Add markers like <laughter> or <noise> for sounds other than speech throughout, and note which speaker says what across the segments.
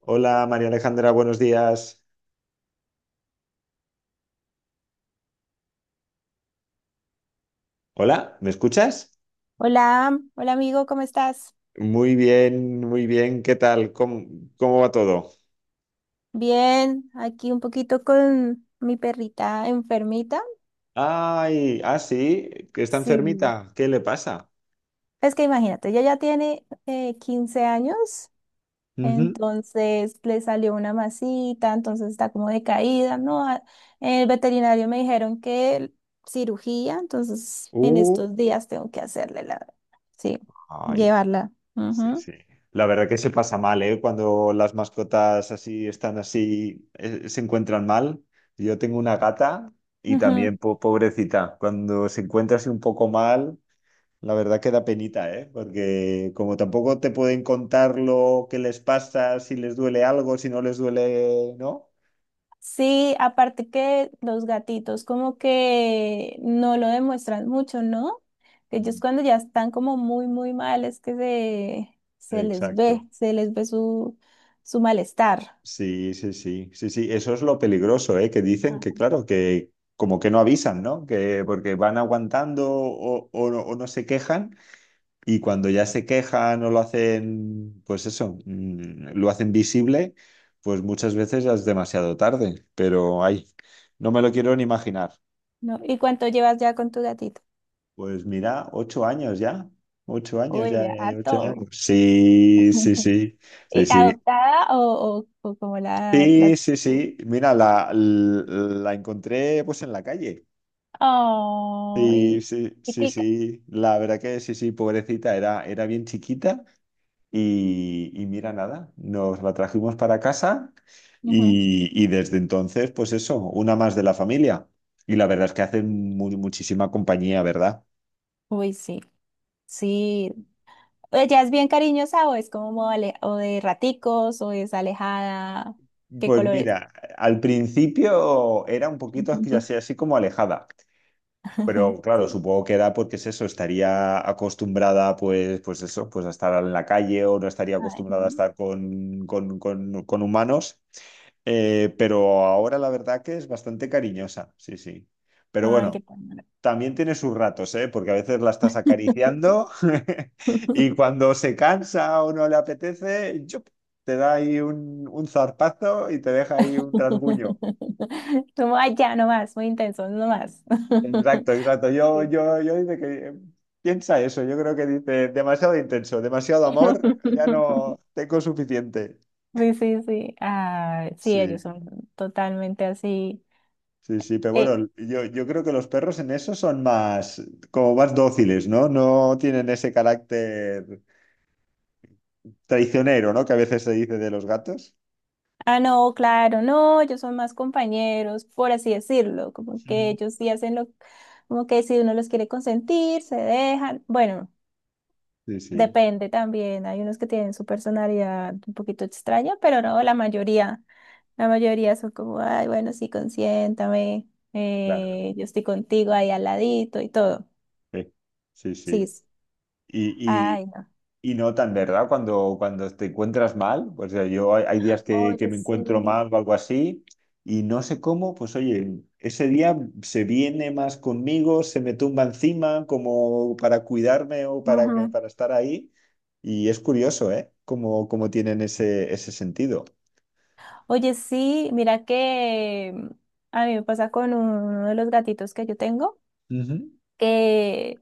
Speaker 1: Hola María Alejandra, buenos días. Hola, ¿me escuchas?
Speaker 2: Hola, hola amigo, ¿cómo estás?
Speaker 1: Muy bien, muy bien. ¿Qué tal? ¿Cómo va todo?
Speaker 2: Bien, aquí un poquito con mi perrita enfermita.
Speaker 1: Ay, sí, que está
Speaker 2: Sí.
Speaker 1: enfermita. ¿Qué le pasa?
Speaker 2: Es que imagínate, ella ya tiene 15 años.
Speaker 1: Ujú.
Speaker 2: Entonces le salió una masita, entonces está como decaída, ¿no? El veterinario me dijeron que cirugía, entonces en
Speaker 1: Uh,
Speaker 2: estos días tengo que hacerle la, sí,
Speaker 1: ay,
Speaker 2: llevarla.
Speaker 1: sí,
Speaker 2: Ujú,
Speaker 1: sí. La verdad que se pasa mal, ¿eh? Cuando las mascotas así están así, se encuentran mal. Yo tengo una gata y
Speaker 2: ujú.
Speaker 1: también, pobrecita, cuando se encuentra así un poco mal. La verdad que da penita, ¿eh? Porque como tampoco te pueden contar lo que les pasa, si les duele algo, si no les duele, ¿no?
Speaker 2: Sí, aparte que los gatitos como que no lo demuestran mucho, ¿no? Ellos
Speaker 1: Mm.
Speaker 2: cuando ya están como muy, muy mal es que
Speaker 1: Exacto.
Speaker 2: se les ve su, su malestar.
Speaker 1: Sí, sí, sí, sí, sí, eso es lo peligroso, ¿eh? Que dicen que,
Speaker 2: Ajá.
Speaker 1: claro, que como que no avisan, ¿no? Que porque van aguantando o no se quejan y cuando ya se quejan o lo hacen, pues eso, lo hacen visible, pues muchas veces ya es demasiado tarde, pero ay, no me lo quiero ni imaginar.
Speaker 2: ¿No? ¿Y cuánto llevas ya con tu gatito?
Speaker 1: Pues mira, 8 años ya. 8 años
Speaker 2: Uy,
Speaker 1: ya,
Speaker 2: ya
Speaker 1: ya, ya, ocho
Speaker 2: harto.
Speaker 1: años. Sí, sí,
Speaker 2: <laughs>
Speaker 1: sí, sí,
Speaker 2: ¿Y
Speaker 1: sí,
Speaker 2: adoptada o como la...
Speaker 1: sí, sí, sí. Mira, la encontré pues en la calle. Sí,
Speaker 2: Ay,
Speaker 1: sí,
Speaker 2: y
Speaker 1: sí,
Speaker 2: tica.
Speaker 1: sí. La verdad que sí, sí, pobrecita, era, era bien chiquita y mira, nada, nos la trajimos para casa
Speaker 2: Ujú.
Speaker 1: y desde entonces, pues eso, una más de la familia. Y la verdad es que hacen muchísima compañía, ¿verdad?
Speaker 2: Uy, sí, sí. ¿Ella es bien cariñosa o es como o de raticos o es alejada? ¿Qué
Speaker 1: Pues
Speaker 2: colores?
Speaker 1: mira, al principio era un poquito así, así
Speaker 2: <laughs>
Speaker 1: así como alejada, pero claro,
Speaker 2: Sí.
Speaker 1: supongo que era porque es eso, estaría acostumbrada pues, pues eso, pues a estar en la calle o no estaría
Speaker 2: Ay,
Speaker 1: acostumbrada a estar con, con humanos. Pero ahora la verdad que es bastante cariñosa, sí, sí. Pero
Speaker 2: ay, qué
Speaker 1: bueno,
Speaker 2: ternura.
Speaker 1: también tiene sus ratos, ¿eh? Porque a veces la estás
Speaker 2: <laughs>
Speaker 1: acariciando <laughs> y cuando se cansa o no le apetece, ¡yup! Te da ahí un zarpazo y te deja ahí un rasguño.
Speaker 2: Como, ay, ya, no más, muy intenso, no más. <laughs>
Speaker 1: Exacto, exacto. Yo,
Speaker 2: Sí.
Speaker 1: yo, yo dice que piensa eso. Yo creo que dice demasiado intenso, demasiado amor, ya
Speaker 2: <laughs>
Speaker 1: no tengo suficiente.
Speaker 2: Sí, sí, sí. Ah, sí,
Speaker 1: Sí,
Speaker 2: ellos son totalmente así.
Speaker 1: sí, sí, pero
Speaker 2: Eh,
Speaker 1: bueno, yo creo que los perros en eso son más, como más dóciles, ¿no? No tienen ese carácter traicionero, ¿no? Que a veces se dice de los gatos.
Speaker 2: Ah, no, claro, no, ellos son más compañeros, por así decirlo, como que
Speaker 1: Ujú.
Speaker 2: ellos sí hacen lo, como que si uno los quiere consentir, se dejan, bueno,
Speaker 1: Sí, sí,
Speaker 2: depende también, hay unos que tienen su personalidad un poquito extraña, pero no, la mayoría son como, ay, bueno, sí, consiéntame,
Speaker 1: claro.
Speaker 2: yo estoy contigo ahí al ladito y todo,
Speaker 1: Sí, sí.
Speaker 2: sí,
Speaker 1: Sí. Y,
Speaker 2: ay, no,
Speaker 1: y, y notan, ¿verdad? Cuando, cuando te encuentras mal, pues yo hay, hay días que
Speaker 2: oye,
Speaker 1: me
Speaker 2: sí.
Speaker 1: encuentro mal o algo así, y no sé cómo, pues oye, ese día se viene más conmigo, se me tumba encima como para cuidarme o para, que,
Speaker 2: Ajá.
Speaker 1: para estar ahí. Y es curioso, ¿eh? Cómo, cómo tienen ese, ese sentido.
Speaker 2: Oye, sí, mira que a mí me pasa con uno de los gatitos que yo tengo.
Speaker 1: Ujú,
Speaker 2: Que,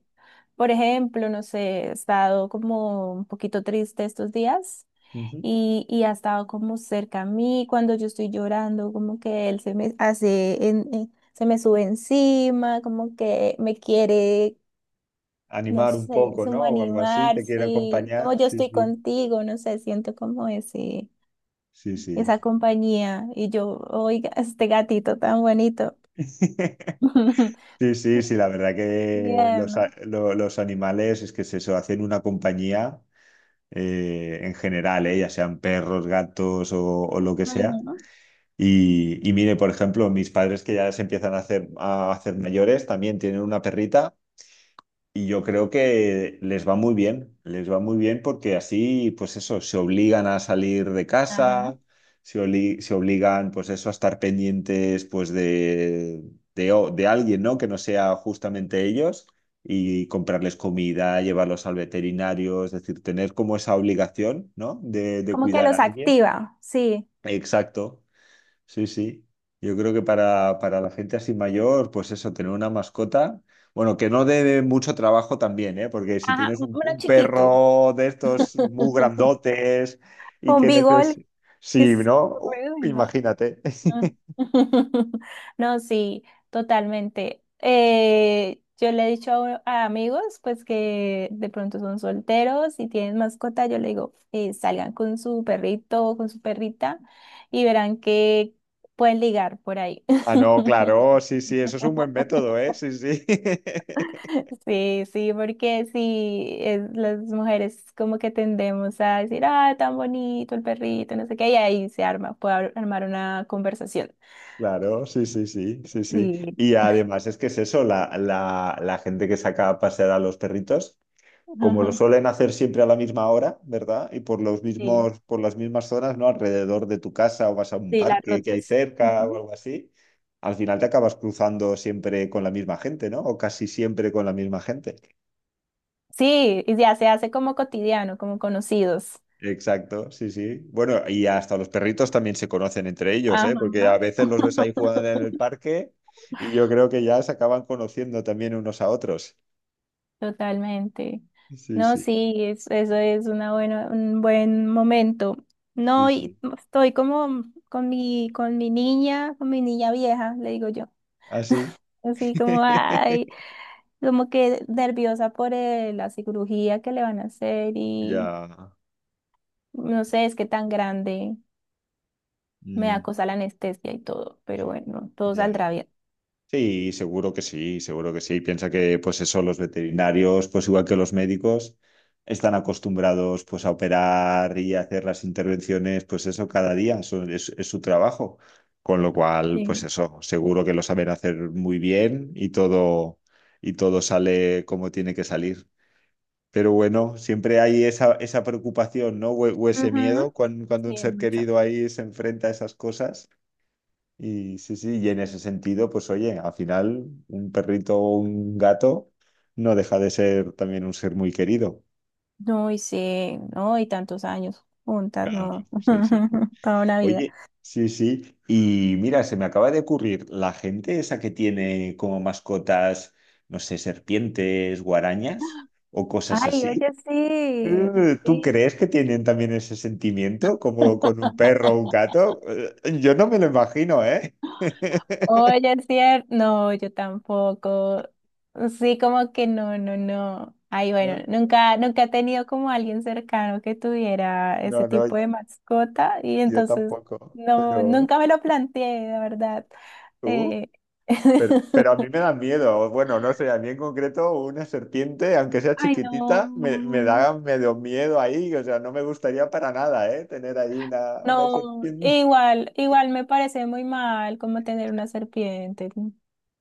Speaker 2: por ejemplo, no sé, he estado como un poquito triste estos días
Speaker 1: ujú.
Speaker 2: y ha estado como cerca a mí cuando yo estoy llorando, como que él se me hace, se me sube encima, como que me quiere, no
Speaker 1: Animar un
Speaker 2: sé,
Speaker 1: poco, ¿no?
Speaker 2: sumo
Speaker 1: O algo así,
Speaker 2: animar,
Speaker 1: te quiere
Speaker 2: sí, como
Speaker 1: acompañar.
Speaker 2: yo
Speaker 1: Sí,
Speaker 2: estoy
Speaker 1: sí.
Speaker 2: contigo, no sé, siento como ese,
Speaker 1: Sí,
Speaker 2: esa
Speaker 1: sí.
Speaker 2: compañía y yo, oiga, este gatito tan bonito.
Speaker 1: <laughs>
Speaker 2: <laughs>
Speaker 1: Sí, sí, sí, la verdad que los,
Speaker 2: Tierno.
Speaker 1: los animales es que se hacen una compañía en general, ya sean perros, gatos o lo que sea.
Speaker 2: Ujú.
Speaker 1: Y mire, por ejemplo, mis padres que ya se empiezan a hacer mayores también tienen una perrita. Y yo creo que les va muy bien, les va muy bien porque así, pues eso, se obligan a salir de
Speaker 2: Ajá.
Speaker 1: casa, se obligan, pues eso, a estar pendientes, pues de, de alguien, ¿no? Que no sea justamente ellos y comprarles comida, llevarlos al veterinario, es decir, tener como esa obligación, ¿no? De
Speaker 2: Como que
Speaker 1: cuidar a
Speaker 2: los
Speaker 1: alguien.
Speaker 2: activa, sí.
Speaker 1: Exacto. Sí, sí. Yo creo que para la gente así mayor, pues eso, tener una mascota, bueno, que no dé mucho trabajo también, ¿eh? Porque si
Speaker 2: Ajá,
Speaker 1: tienes
Speaker 2: uno
Speaker 1: un
Speaker 2: chiquito.
Speaker 1: perro de estos muy
Speaker 2: <laughs>
Speaker 1: grandotes y
Speaker 2: Un
Speaker 1: que
Speaker 2: bigol
Speaker 1: necesitas...
Speaker 2: que
Speaker 1: Sí,
Speaker 2: es...
Speaker 1: ¿no?
Speaker 2: No,
Speaker 1: Imagínate.
Speaker 2: no.
Speaker 1: <laughs>
Speaker 2: <laughs> No, sí, totalmente. Yo le he dicho a amigos, pues que de pronto son solteros y tienen mascota, yo le digo, salgan con su perrito o con su perrita y verán que pueden ligar por ahí.
Speaker 1: Ah, no,
Speaker 2: <laughs>
Speaker 1: claro, sí, sí, eso es un buen método, ¿eh? Sí, sí. <laughs>
Speaker 2: Sí, sí, porque sí, las mujeres como que tendemos a decir, ah, tan bonito el perrito, no sé qué, y ahí se arma, puede armar una conversación.
Speaker 1: Claro, sí, sí, sí, sí, sí.
Speaker 2: Sí,
Speaker 1: Y además es que es eso, la gente que saca a pasear a los perritos, como lo
Speaker 2: ajá,
Speaker 1: suelen hacer siempre a la misma hora, ¿verdad? Y por los
Speaker 2: sí,
Speaker 1: mismos, por las mismas zonas, ¿no? Alrededor de tu casa o vas a un
Speaker 2: sí, las
Speaker 1: parque que hay
Speaker 2: rutas.
Speaker 1: cerca o
Speaker 2: Ujú.
Speaker 1: algo así, al final te acabas cruzando siempre con la misma gente, ¿no? O casi siempre con la misma gente.
Speaker 2: Sí, y ya se hace como cotidiano, como conocidos.
Speaker 1: Exacto, sí, sí. Bueno, y hasta los perritos también se conocen entre ellos, ¿eh? Porque a
Speaker 2: Ajá.
Speaker 1: veces los ves ahí jugando en el
Speaker 2: <laughs>
Speaker 1: parque y yo creo que ya se acaban conociendo también unos a otros.
Speaker 2: Totalmente.
Speaker 1: Sí,
Speaker 2: No,
Speaker 1: sí,
Speaker 2: sí, eso es una buena, un buen momento.
Speaker 1: sí,
Speaker 2: No, y
Speaker 1: sí.
Speaker 2: estoy como con mi niña vieja, le digo yo.
Speaker 1: Así.
Speaker 2: Así como, ay,
Speaker 1: <laughs>
Speaker 2: como que nerviosa por la cirugía que le van a hacer y
Speaker 1: Ya.
Speaker 2: no sé, es que tan grande, me da
Speaker 1: mm,
Speaker 2: cosa la anestesia y todo, pero bueno, todo
Speaker 1: ya.
Speaker 2: saldrá bien.
Speaker 1: Sí, seguro que sí, seguro que sí. Piensa que, pues eso, los veterinarios, pues igual que los médicos, están acostumbrados, pues a operar y a hacer las intervenciones, pues eso, cada día, eso es su trabajo. Con lo cual, pues
Speaker 2: Sí.
Speaker 1: eso, seguro que lo saben hacer muy bien y todo sale como tiene que salir. Pero bueno, siempre hay esa, esa preocupación, ¿no? O ese miedo
Speaker 2: Ujú,
Speaker 1: cuando, cuando un
Speaker 2: sí,
Speaker 1: ser
Speaker 2: mucho.
Speaker 1: querido ahí se enfrenta a esas cosas. Y sí, sí, y en ese sentido, pues oye, al final un perrito o un gato no deja de ser también un ser muy querido.
Speaker 2: No, y sí, no, y tantos años juntas,
Speaker 1: Claro,
Speaker 2: no,
Speaker 1: sí, sí.
Speaker 2: <laughs> toda una vida.
Speaker 1: Oye, sí, sí. Y mira, se me acaba de ocurrir, la gente esa que tiene como mascotas, no sé, serpientes, guarañas o cosas
Speaker 2: Ay,
Speaker 1: así,
Speaker 2: oye, sí.
Speaker 1: ¿tú
Speaker 2: Sí.
Speaker 1: crees que tienen también ese sentimiento como con un perro o un gato? Yo no me lo imagino, ¿eh? <laughs>
Speaker 2: Oye, es cierto. No, yo tampoco. Sí, como que no, no, no. Ay,
Speaker 1: No,
Speaker 2: bueno, nunca, nunca he tenido como alguien cercano que tuviera ese
Speaker 1: no,
Speaker 2: tipo
Speaker 1: no.
Speaker 2: de mascota y
Speaker 1: Yo
Speaker 2: entonces
Speaker 1: tampoco,
Speaker 2: no,
Speaker 1: pero
Speaker 2: nunca me lo planteé, la verdad.
Speaker 1: tú,
Speaker 2: Eh,
Speaker 1: pero a mí
Speaker 2: <laughs>
Speaker 1: me da miedo. O bueno, no sé, a mí en concreto una serpiente, aunque sea
Speaker 2: Ay,
Speaker 1: chiquitita, me
Speaker 2: no.
Speaker 1: da medio miedo ahí. O sea, no me gustaría para nada, ¿eh? Tener ahí una
Speaker 2: No,
Speaker 1: serpiente.
Speaker 2: igual, igual me parece muy mal como tener una serpiente.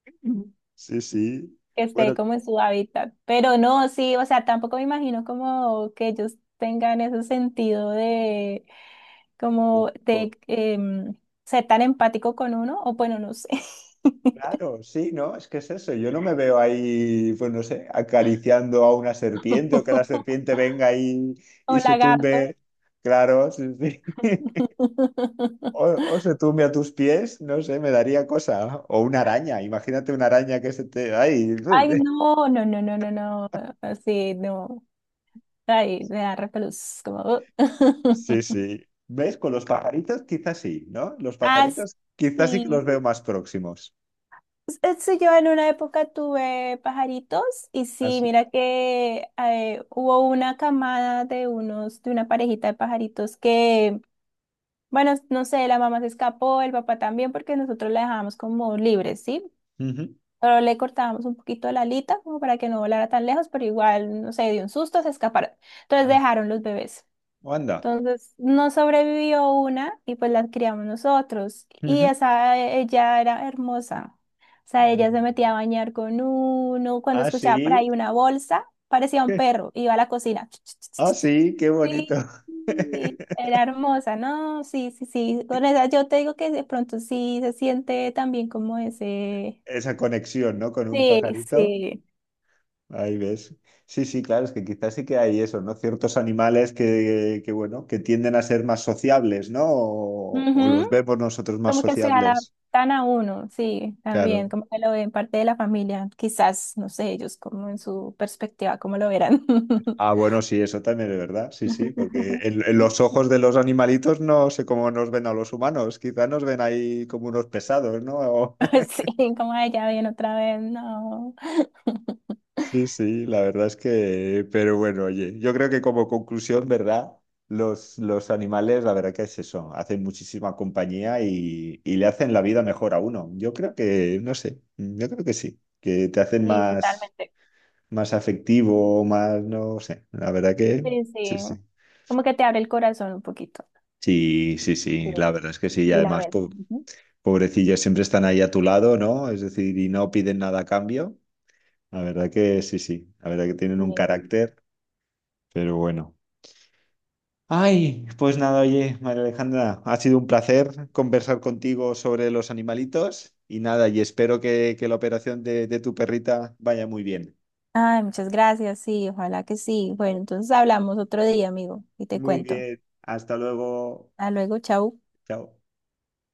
Speaker 1: <laughs> Sí, sí.
Speaker 2: Que esté
Speaker 1: Bueno,
Speaker 2: como en su hábitat. Pero no, sí, o sea, tampoco me imagino como que ellos tengan ese sentido de
Speaker 1: co-
Speaker 2: como de
Speaker 1: co-
Speaker 2: ser tan empático con uno, o bueno, no sé. <laughs>
Speaker 1: claro, sí, ¿no? Es que es eso. Yo no me veo ahí, pues no sé, acariciando a una serpiente o que la serpiente venga ahí
Speaker 2: O
Speaker 1: y se
Speaker 2: lagarto.
Speaker 1: tumbe. Claro, sí, sí. O,
Speaker 2: <laughs>
Speaker 1: o se tumbe a tus pies, no sé, me daría cosa. O una araña, imagínate una araña que se te... ¡Ay!
Speaker 2: Ay,
Speaker 1: <laughs>
Speaker 2: no, no, no, no, no, no. Así, no. Ay, me da repelús, como.
Speaker 1: Sí,
Speaker 2: <laughs>
Speaker 1: sí. ¿Ves? Con los pajaritos quizás sí, ¿no? Los pajaritos quizás sí que los
Speaker 2: Así.
Speaker 1: veo más próximos.
Speaker 2: Es Este, yo en una época tuve pajaritos y sí,
Speaker 1: Así.
Speaker 2: mira que hubo una camada de unos, de una parejita de pajaritos que, bueno, no sé, la mamá se escapó, el papá también, porque nosotros la dejábamos como libre, ¿sí?
Speaker 1: Ujú.
Speaker 2: Pero le cortábamos un poquito la alita como para que no volara tan lejos, pero igual, no sé, de un susto se escaparon. Entonces
Speaker 1: Ah,
Speaker 2: dejaron los bebés.
Speaker 1: o anda.
Speaker 2: Entonces, no sobrevivió una y pues las criamos nosotros. Y
Speaker 1: Ujú.
Speaker 2: esa, ella era hermosa. O sea, ella se metía a
Speaker 1: Mm.
Speaker 2: bañar con uno. Cuando
Speaker 1: Ah,
Speaker 2: escuchaba por
Speaker 1: sí.
Speaker 2: ahí una bolsa, parecía un perro.
Speaker 1: <laughs>
Speaker 2: Iba a la cocina.
Speaker 1: Ah,
Speaker 2: <laughs>
Speaker 1: sí, qué
Speaker 2: Sí,
Speaker 1: bonito. <laughs>
Speaker 2: sí, era hermosa, ¿no? Sí, sí, sí. Con esa yo te digo que de pronto sí se siente también como ese.
Speaker 1: Esa conexión, ¿no? Con un
Speaker 2: Sí,
Speaker 1: pajarito.
Speaker 2: sí.
Speaker 1: Ahí ves. Sí, sí, claro, es que quizás sí que hay eso, ¿no? Ciertos animales que, bueno, que tienden a ser más sociables, ¿no? O los
Speaker 2: Ujú.
Speaker 1: vemos nosotros más
Speaker 2: Como que se
Speaker 1: sociables.
Speaker 2: adaptan a uno, sí, también,
Speaker 1: Claro.
Speaker 2: como que lo ven parte de la familia, quizás, no sé, ellos como en su perspectiva, cómo lo verán.
Speaker 1: Ah, bueno, sí, eso también es verdad. Sí, sí, porque
Speaker 2: <laughs>
Speaker 1: en los ojos de los animalitos no sé cómo nos ven a los humanos. Quizás nos ven ahí como unos pesados, ¿no?
Speaker 2: Sí, como ella ya viene otra vez, no. <laughs>
Speaker 1: Sí, sí, la verdad es que, pero bueno, oye, yo creo que como conclusión, ¿verdad? Los animales, la verdad que es eso, hacen muchísima compañía y le hacen la vida mejor a uno. Yo creo que, no sé, yo creo que sí, que te hacen
Speaker 2: Sí,
Speaker 1: más,
Speaker 2: totalmente.
Speaker 1: más afectivo, más, no sé, la verdad que
Speaker 2: Sí,
Speaker 1: sí,
Speaker 2: sí,
Speaker 1: sí.
Speaker 2: como que te abre el corazón un poquito.
Speaker 1: Sí, sí,
Speaker 2: Sí,
Speaker 1: sí, la verdad es que sí, y
Speaker 2: y la
Speaker 1: además,
Speaker 2: mente. Ujú.
Speaker 1: pobrecillos, siempre están ahí a tu lado, ¿no? Es decir, y no piden nada a cambio. La verdad que sí, sí, la verdad que tienen un
Speaker 2: Bien.
Speaker 1: carácter, pero bueno. Ay, pues nada, oye, María Alejandra, ha sido un placer conversar contigo sobre los animalitos y nada, y espero que la operación de tu perrita vaya muy bien.
Speaker 2: Ay, muchas gracias, sí, ojalá que sí. Bueno, entonces hablamos otro día, amigo, y te
Speaker 1: Muy
Speaker 2: cuento.
Speaker 1: bien, hasta luego.
Speaker 2: Hasta luego, chau.
Speaker 1: Chao.